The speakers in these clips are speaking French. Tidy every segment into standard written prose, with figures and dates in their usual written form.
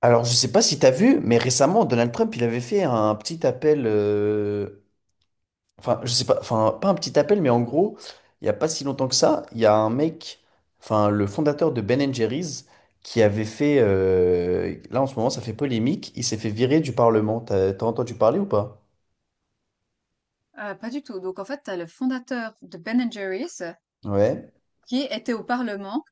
Alors, je sais pas si tu as vu, mais récemment, Donald Trump, il avait fait un petit appel, enfin, je sais pas, enfin, pas un petit appel, mais en gros, il y a pas si longtemps que ça, il y a un mec, enfin, le fondateur de Ben Jerry's, qui avait fait, là, en ce moment, ça fait polémique, il s'est fait virer du Parlement. T'as entendu parler ou pas? Pas du tout. Donc en fait, tu as le fondateur de Ben& and Jerry's Ouais, qui était au parlement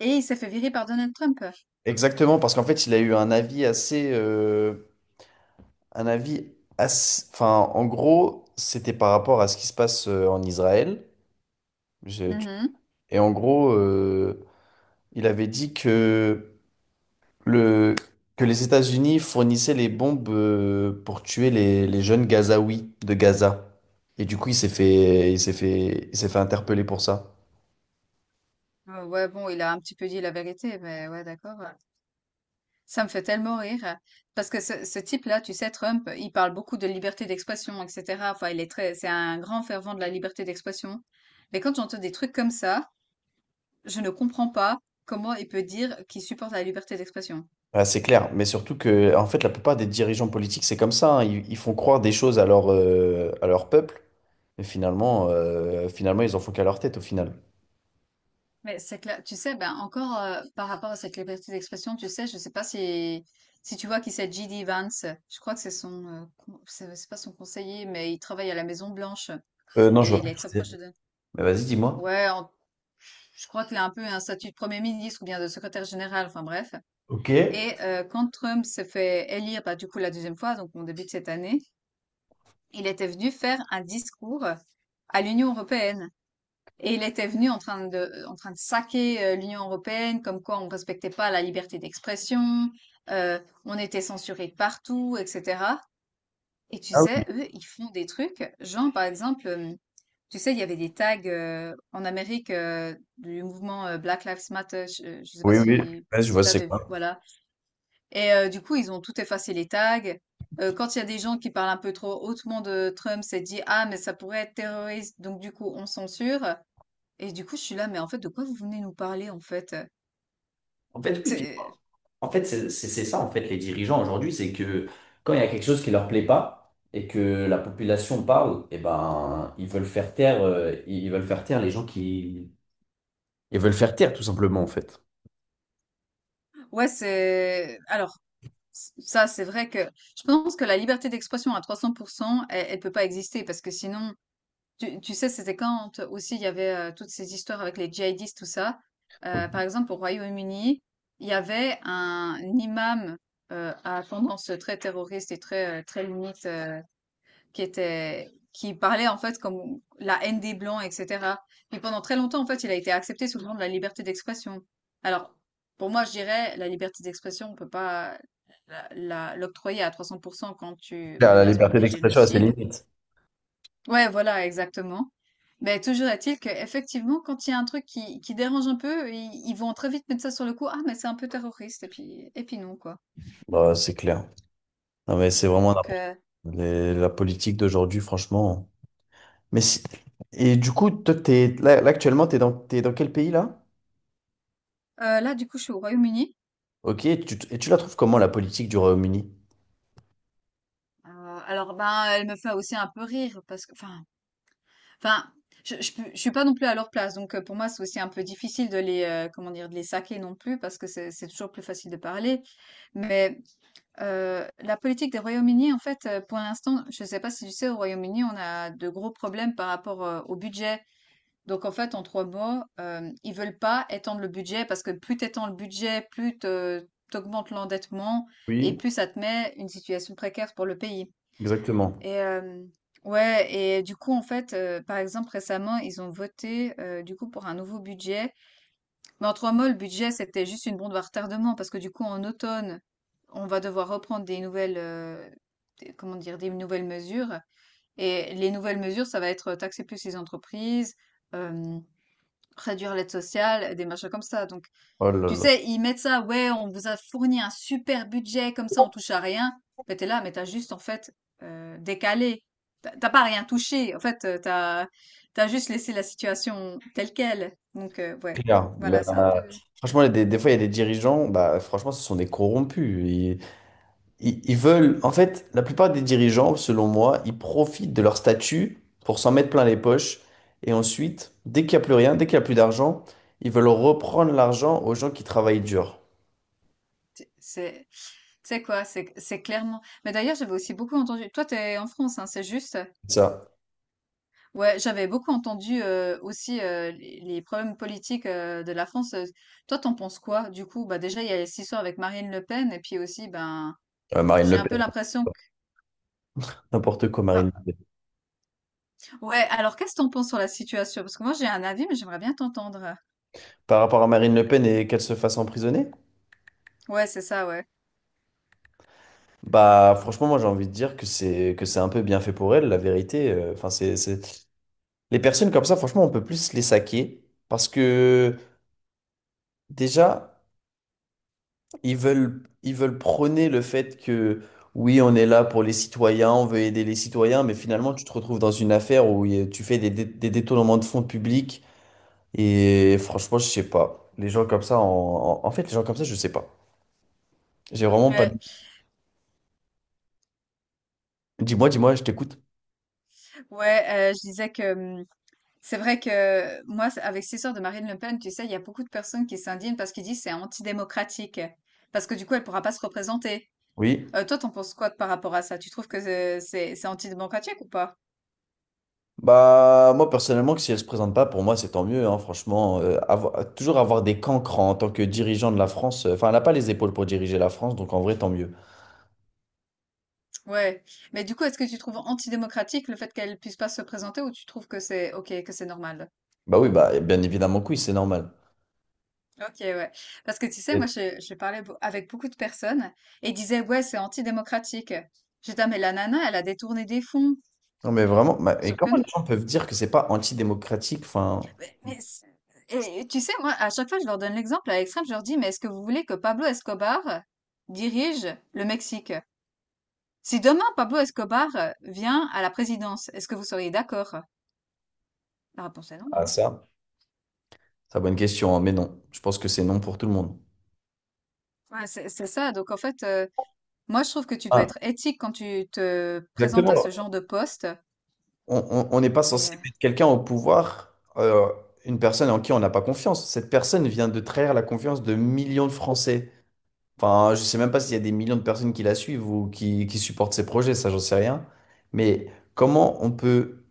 et il s'est fait virer par Donald Trump. exactement, parce qu'en fait, il a eu un avis assez, enfin, en gros, c'était par rapport à ce qui se passe en Israël. Je- Mmh tu- mh. et en gros, il avait dit que, le, que les États-Unis fournissaient les bombes pour tuer les jeunes Gazaouis de Gaza. Et du coup, il s'est fait, il s'est fait, il s'est fait interpeller pour ça. Ouais, bon, il a un petit peu dit la vérité, mais ouais, d'accord. Ça me fait tellement rire parce que ce type-là, tu sais, Trump, il parle beaucoup de liberté d'expression et cetera. Enfin, il est très c'est un grand fervent de la liberté d'expression. Mais quand j'entends des trucs comme ça, je ne comprends pas comment il peut dire qu'il supporte la liberté d'expression. Ouais, c'est clair, mais surtout que, en fait, la plupart des dirigeants politiques, c'est comme ça, hein. Ils font croire des choses à leur peuple, et finalement, finalement, ils en font qu'à leur tête au final. Mais c'est clair. Tu sais, ben encore par rapport à cette liberté d'expression, tu sais, je sais pas si si tu vois qui c'est J.D. Vance. Je crois que c'est son c'est pas son conseiller, mais il travaille à la Maison Blanche Non, je et vois il pas est qui très c'est. proche de. Donald- Mais vas-y, dis-moi. Ouais, en- je crois qu'il a un peu un statut de premier ministre ou bien de secrétaire général. Enfin bref. Ok. Et quand Trump s'est fait élire, bah, du coup la deuxième fois, donc au début de cette année, il était venu faire un discours à l'Union européenne. Et il était venu en train de saquer l'Union européenne, comme quoi on ne respectait pas la liberté d'expression, euh, on était censuré partout, etc. Et tu Ah oui. sais, eux, ils font des trucs, genre par exemple, tu sais, il y avait des tags en Amérique du mouvement Black Lives Matter, ne sais pas Oui, oui. si Ouais, je vois tu c'est avais, quoi. voilà. Et du coup, ils ont tout effacé les tags. Quand il y a des gens qui parlent un peu trop hautement de Trump, c'est dit, ah, mais ça pourrait être terroriste, donc du coup, on censure. Et du coup, je suis là, mais en fait, de quoi vous venez nous parler, en fait? En fait, lui, C'est... En fait, c'est ça, en fait, les dirigeants aujourd'hui, c'est que quand il y a quelque chose qui leur plaît pas et que la population parle, eh ben, ils veulent faire taire, ils veulent faire taire les gens qui... Ils veulent faire taire, tout simplement, en fait. Ouais, c'est... Alors, ça, c'est vrai que je pense que la liberté d'expression à 300%, elle, elle ne peut pas exister parce que sinon, tu sais, c'était quand aussi il y avait toutes ces histoires avec les djihadistes, tout ça. Par exemple, au Royaume-Uni, il y avait un imam à tendance très terroriste et très limite qui était, qui parlait en fait comme la haine des blancs, etc. Puis pendant très longtemps, en fait, il a été accepté sous le nom de la liberté d'expression. Alors, pour moi, je dirais, la liberté d'expression, on peut pas l'octroyer à 300% quand tu Claire, la menaces pour liberté des d'expression a ses génocides. limites. Ouais, voilà, exactement. Mais toujours est-il que effectivement, quand il y a un truc qui dérange un peu, ils vont très vite mettre ça sur le coup. Ah, mais c'est un peu terroriste. Et puis non, quoi. Bah, c'est clair. Non, mais c'est vraiment Donc la politique d'aujourd'hui, franchement. Mais si- Et du coup, toi, t'es... Là, actuellement, t'es dans quel pays là? Là, du coup, je suis au Royaume-Uni. Ok, et tu la trouves comment la politique du Royaume-Uni? Alors ben elle me fait aussi un peu rire parce que enfin je suis pas non plus à leur place donc pour moi c'est aussi un peu difficile de les comment dire de les saquer non plus parce que c'est toujours plus facile de parler mais la politique des Royaumes-Unis en fait pour l'instant je sais pas si tu sais au Royaume-Uni on a de gros problèmes par rapport au budget donc en fait en trois mots ils veulent pas étendre le budget parce que plus t'étends le budget plus te- t'augmentes l'endettement et Oui, plus ça te met une situation précaire pour le pays exactement. et ouais et du coup, en fait, par exemple, récemment, ils ont voté, du coup, pour un nouveau budget. Mais en 3 mots, le budget, c'était juste une bombe à retardement parce que du coup, en automne, on va devoir reprendre des nouvelles, des comment dire? Des nouvelles mesures et les nouvelles mesures, ça va être taxer plus les entreprises, hem, réduire l'aide sociale, des machins comme ça. Donc Oh là tu là. sais, ils mettent ça, ouais, on vous a fourni un super budget, comme ça on touche à rien. Mais t'es là, mais t'as juste en fait décalé. T'as pas rien touché. En fait, t'as juste laissé la situation telle quelle. Donc ouais, Clair. Ben, voilà, c'est un peu, franchement, il y a des fois, il y a des dirigeants, bah, franchement, ce sont des corrompus. Ils veulent, en fait, la plupart des dirigeants, selon moi, ils profitent de leur statut pour s'en mettre plein les poches. Et ensuite, dès qu'il n'y a plus rien, dès qu'il n'y a plus d'argent, ils veulent reprendre l'argent aux gens qui travaillent dur. c'est, c'est- tu sais quoi, c'est clairement. Mais d'ailleurs, j'avais aussi beaucoup entendu. Toi, t'es en France, hein, c'est juste. C'est ça. Ouais, j'avais beaucoup entendu aussi les problèmes politiques de la France. Toi, t'en penses quoi? Du coup, bah déjà, il y a cette histoire avec Marine Le Pen, et puis aussi, ben, Marine j'ai Le un peu Pen, l'impression que n'importe quoi, bah, Marine Le Pen. ouais, alors qu'est-ce que t'en penses sur la situation? Parce que moi j'ai un avis, mais j'aimerais bien t'entendre. Par rapport à Marine Le Pen et qu'elle se fasse emprisonner, Ouais, c'est ça, ouais. bah, franchement, moi, j'ai envie de dire que c'est un peu bien fait pour elle, la vérité. Enfin, les personnes comme ça, franchement, on peut plus les saquer parce que déjà, ils veulent prôner le fait que oui, on est là pour les citoyens, on veut aider les citoyens, mais finalement, tu te retrouves dans une affaire où il y a- tu fais des détournements de fonds publics et franchement, je sais pas. Les gens comme ça, en fait, les gens comme ça, je sais pas. J'ai vraiment pas. De- Ouais, Dis-moi, dis-moi, je t'écoute. ouais, je disais que c'est vrai que moi, avec cette histoire de Marine Le Pen, tu sais, il y a beaucoup de personnes qui s'indignent parce qu'ils disent c'est antidémocratique. Parce que du coup, elle pourra pas se représenter. Oui. Toi, t'en penses quoi par rapport à ça? Tu trouves que c'est c'est antidémocratique ou pas? Bah, moi, personnellement, que si elle se présente pas, pour moi, c'est tant mieux, hein, franchement. Toujours avoir des cancrans en tant que dirigeant de la France. Enfin, elle n'a pas les épaules pour diriger la France, donc en vrai, tant mieux. Ouais. Mais du coup, est-ce que tu trouves antidémocratique le fait qu'elle puisse pas se présenter ou tu trouves que c'est ok, que c'est normal? Bah oui, bah, bien évidemment que oui, c'est normal. Ok, ouais. Parce que tu sais, Et- je parlais avec beaucoup de personnes et ils disaient, ouais, c'est antidémocratique. J'étais, ah, mais la nana, elle a détourné des fonds. Non, mais vraiment, bah, Bien et sûr que comment non. les gens peuvent dire que c'est pas antidémocratique? Enfin, Mais, mais c'est- et, tu sais, moi, à chaque fois, je leur donne l'exemple à l'extrême, je leur dis, mais est-ce que vous voulez que Pablo Escobar dirige le Mexique? Si demain, Pablo Escobar vient à la présidence, est-ce que vous seriez d'accord? La réponse est non, ah, hein. ça, c'est une bonne question, hein, mais non. Je pense que c'est non pour tout le monde. Ouais, c'est ça. Donc, en fait, moi, je trouve que tu dois Ah, être éthique quand tu te présentes à exactement. ce genre de poste. On n'est pas Et, censé euh, mettre quelqu'un au pouvoir, une personne en qui on n'a pas confiance. Cette personne vient de trahir la confiance de millions de Français. Enfin, je sais même pas s'il y a des millions de personnes qui la suivent ou qui supportent ses projets, ça j'en sais rien. Mais comment on peut,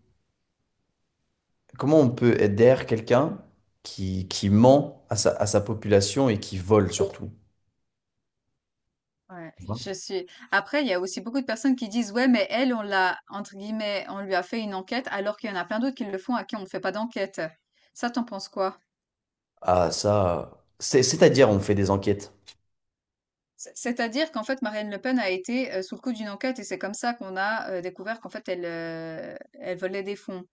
comment on peut être derrière quelqu'un qui ment à à sa population et qui vole surtout? Ouais, Tu vois. je suis. Après, il y a aussi beaucoup de personnes qui disent, ouais, mais elle, on l'a, entre guillemets, on lui a fait une enquête, alors qu'il y en a plein d'autres qui le font à qui on ne fait pas d'enquête. Ça, t'en penses quoi? Ah ça, c'est-à-dire on fait des enquêtes. C'est-à-dire qu'en fait, Marine Le Pen a été sous le coup d'une enquête et c'est comme ça qu'on a découvert qu'en fait, elle volait des fonds.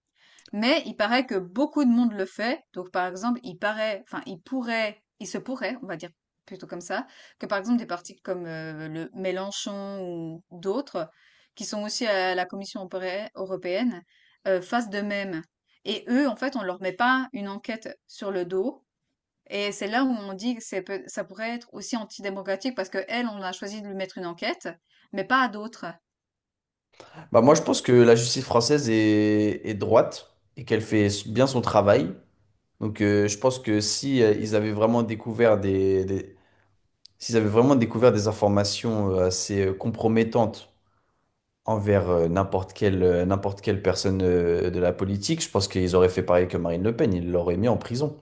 Mais il paraît que beaucoup de monde le fait. Donc, par exemple, il paraît, enfin, il pourrait, il se pourrait, on va dire plutôt comme ça, que par exemple des partis comme le Mélenchon ou d'autres, qui sont aussi à la Commission européenne, fassent de même. Et eux, en fait, on leur met pas une enquête sur le dos. Et c'est là où on dit que ça pourrait être aussi antidémocratique parce que elle, on a choisi de lui mettre une enquête, mais pas à d'autres. Bah moi je pense que la justice française est droite et qu'elle fait bien son travail. Donc je pense que si ils avaient vraiment découvert des- s'ils avaient vraiment découvert des informations assez compromettantes envers n'importe quelle personne de la politique, je pense qu'ils auraient fait pareil que Marine Le Pen, ils l'auraient mis en prison.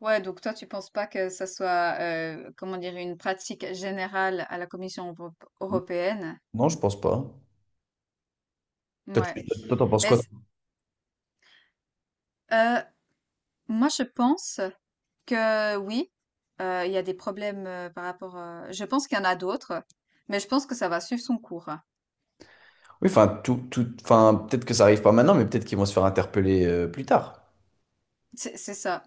Ouais, donc toi, tu penses pas que ça soit, comment dire, une pratique générale à la Commission européenne? Non, je pense pas. Ouais. Toi, t'en penses Mais quoi? c- euh, Moi, je pense que oui, il y a des problèmes par rapport. Je pense qu'il y en a d'autres, mais je pense que ça va suivre son cours. Oui, enfin, tout, enfin, peut-être que ça arrive pas maintenant, mais peut-être qu'ils vont se faire interpeller plus tard, C'est ça.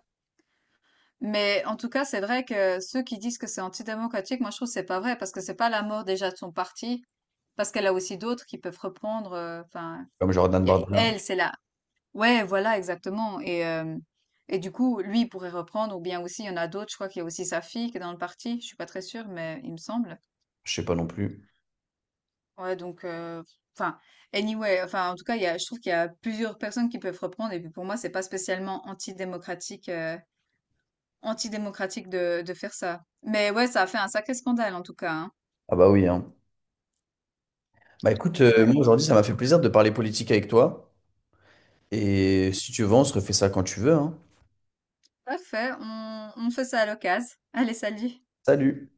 Mais en tout cas, c'est vrai que ceux qui disent que c'est antidémocratique, moi, je trouve que c'est pas vrai parce que c'est pas la mort déjà de son parti, parce qu'elle a aussi d'autres qui peuvent reprendre. Enfin, comme Jordan il y a- Bardella. elle, c'est la Ouais, voilà, exactement. Et du coup, lui il pourrait reprendre, ou bien aussi, il y en a d'autres, je crois qu'il y a aussi sa fille qui est dans le parti, je suis pas très sûre, mais il me semble. Je sais pas non plus. Ouais, donc, enfin, anyway, enfin, en tout cas, il y a, je trouve qu'il y a plusieurs personnes qui peuvent reprendre, et puis pour moi, c'est pas spécialement antidémocratique, de faire ça. Mais ouais, ça a fait un sacré scandale, en tout cas, hein. Ah bah oui, hein. Bah écoute, Donc, ouais. moi aujourd'hui, ça m'a fait plaisir de parler politique avec toi. Et si tu veux, on se refait ça quand tu veux, hein. Parfait, on fait ça à l'occasion. Allez, salut! Salut!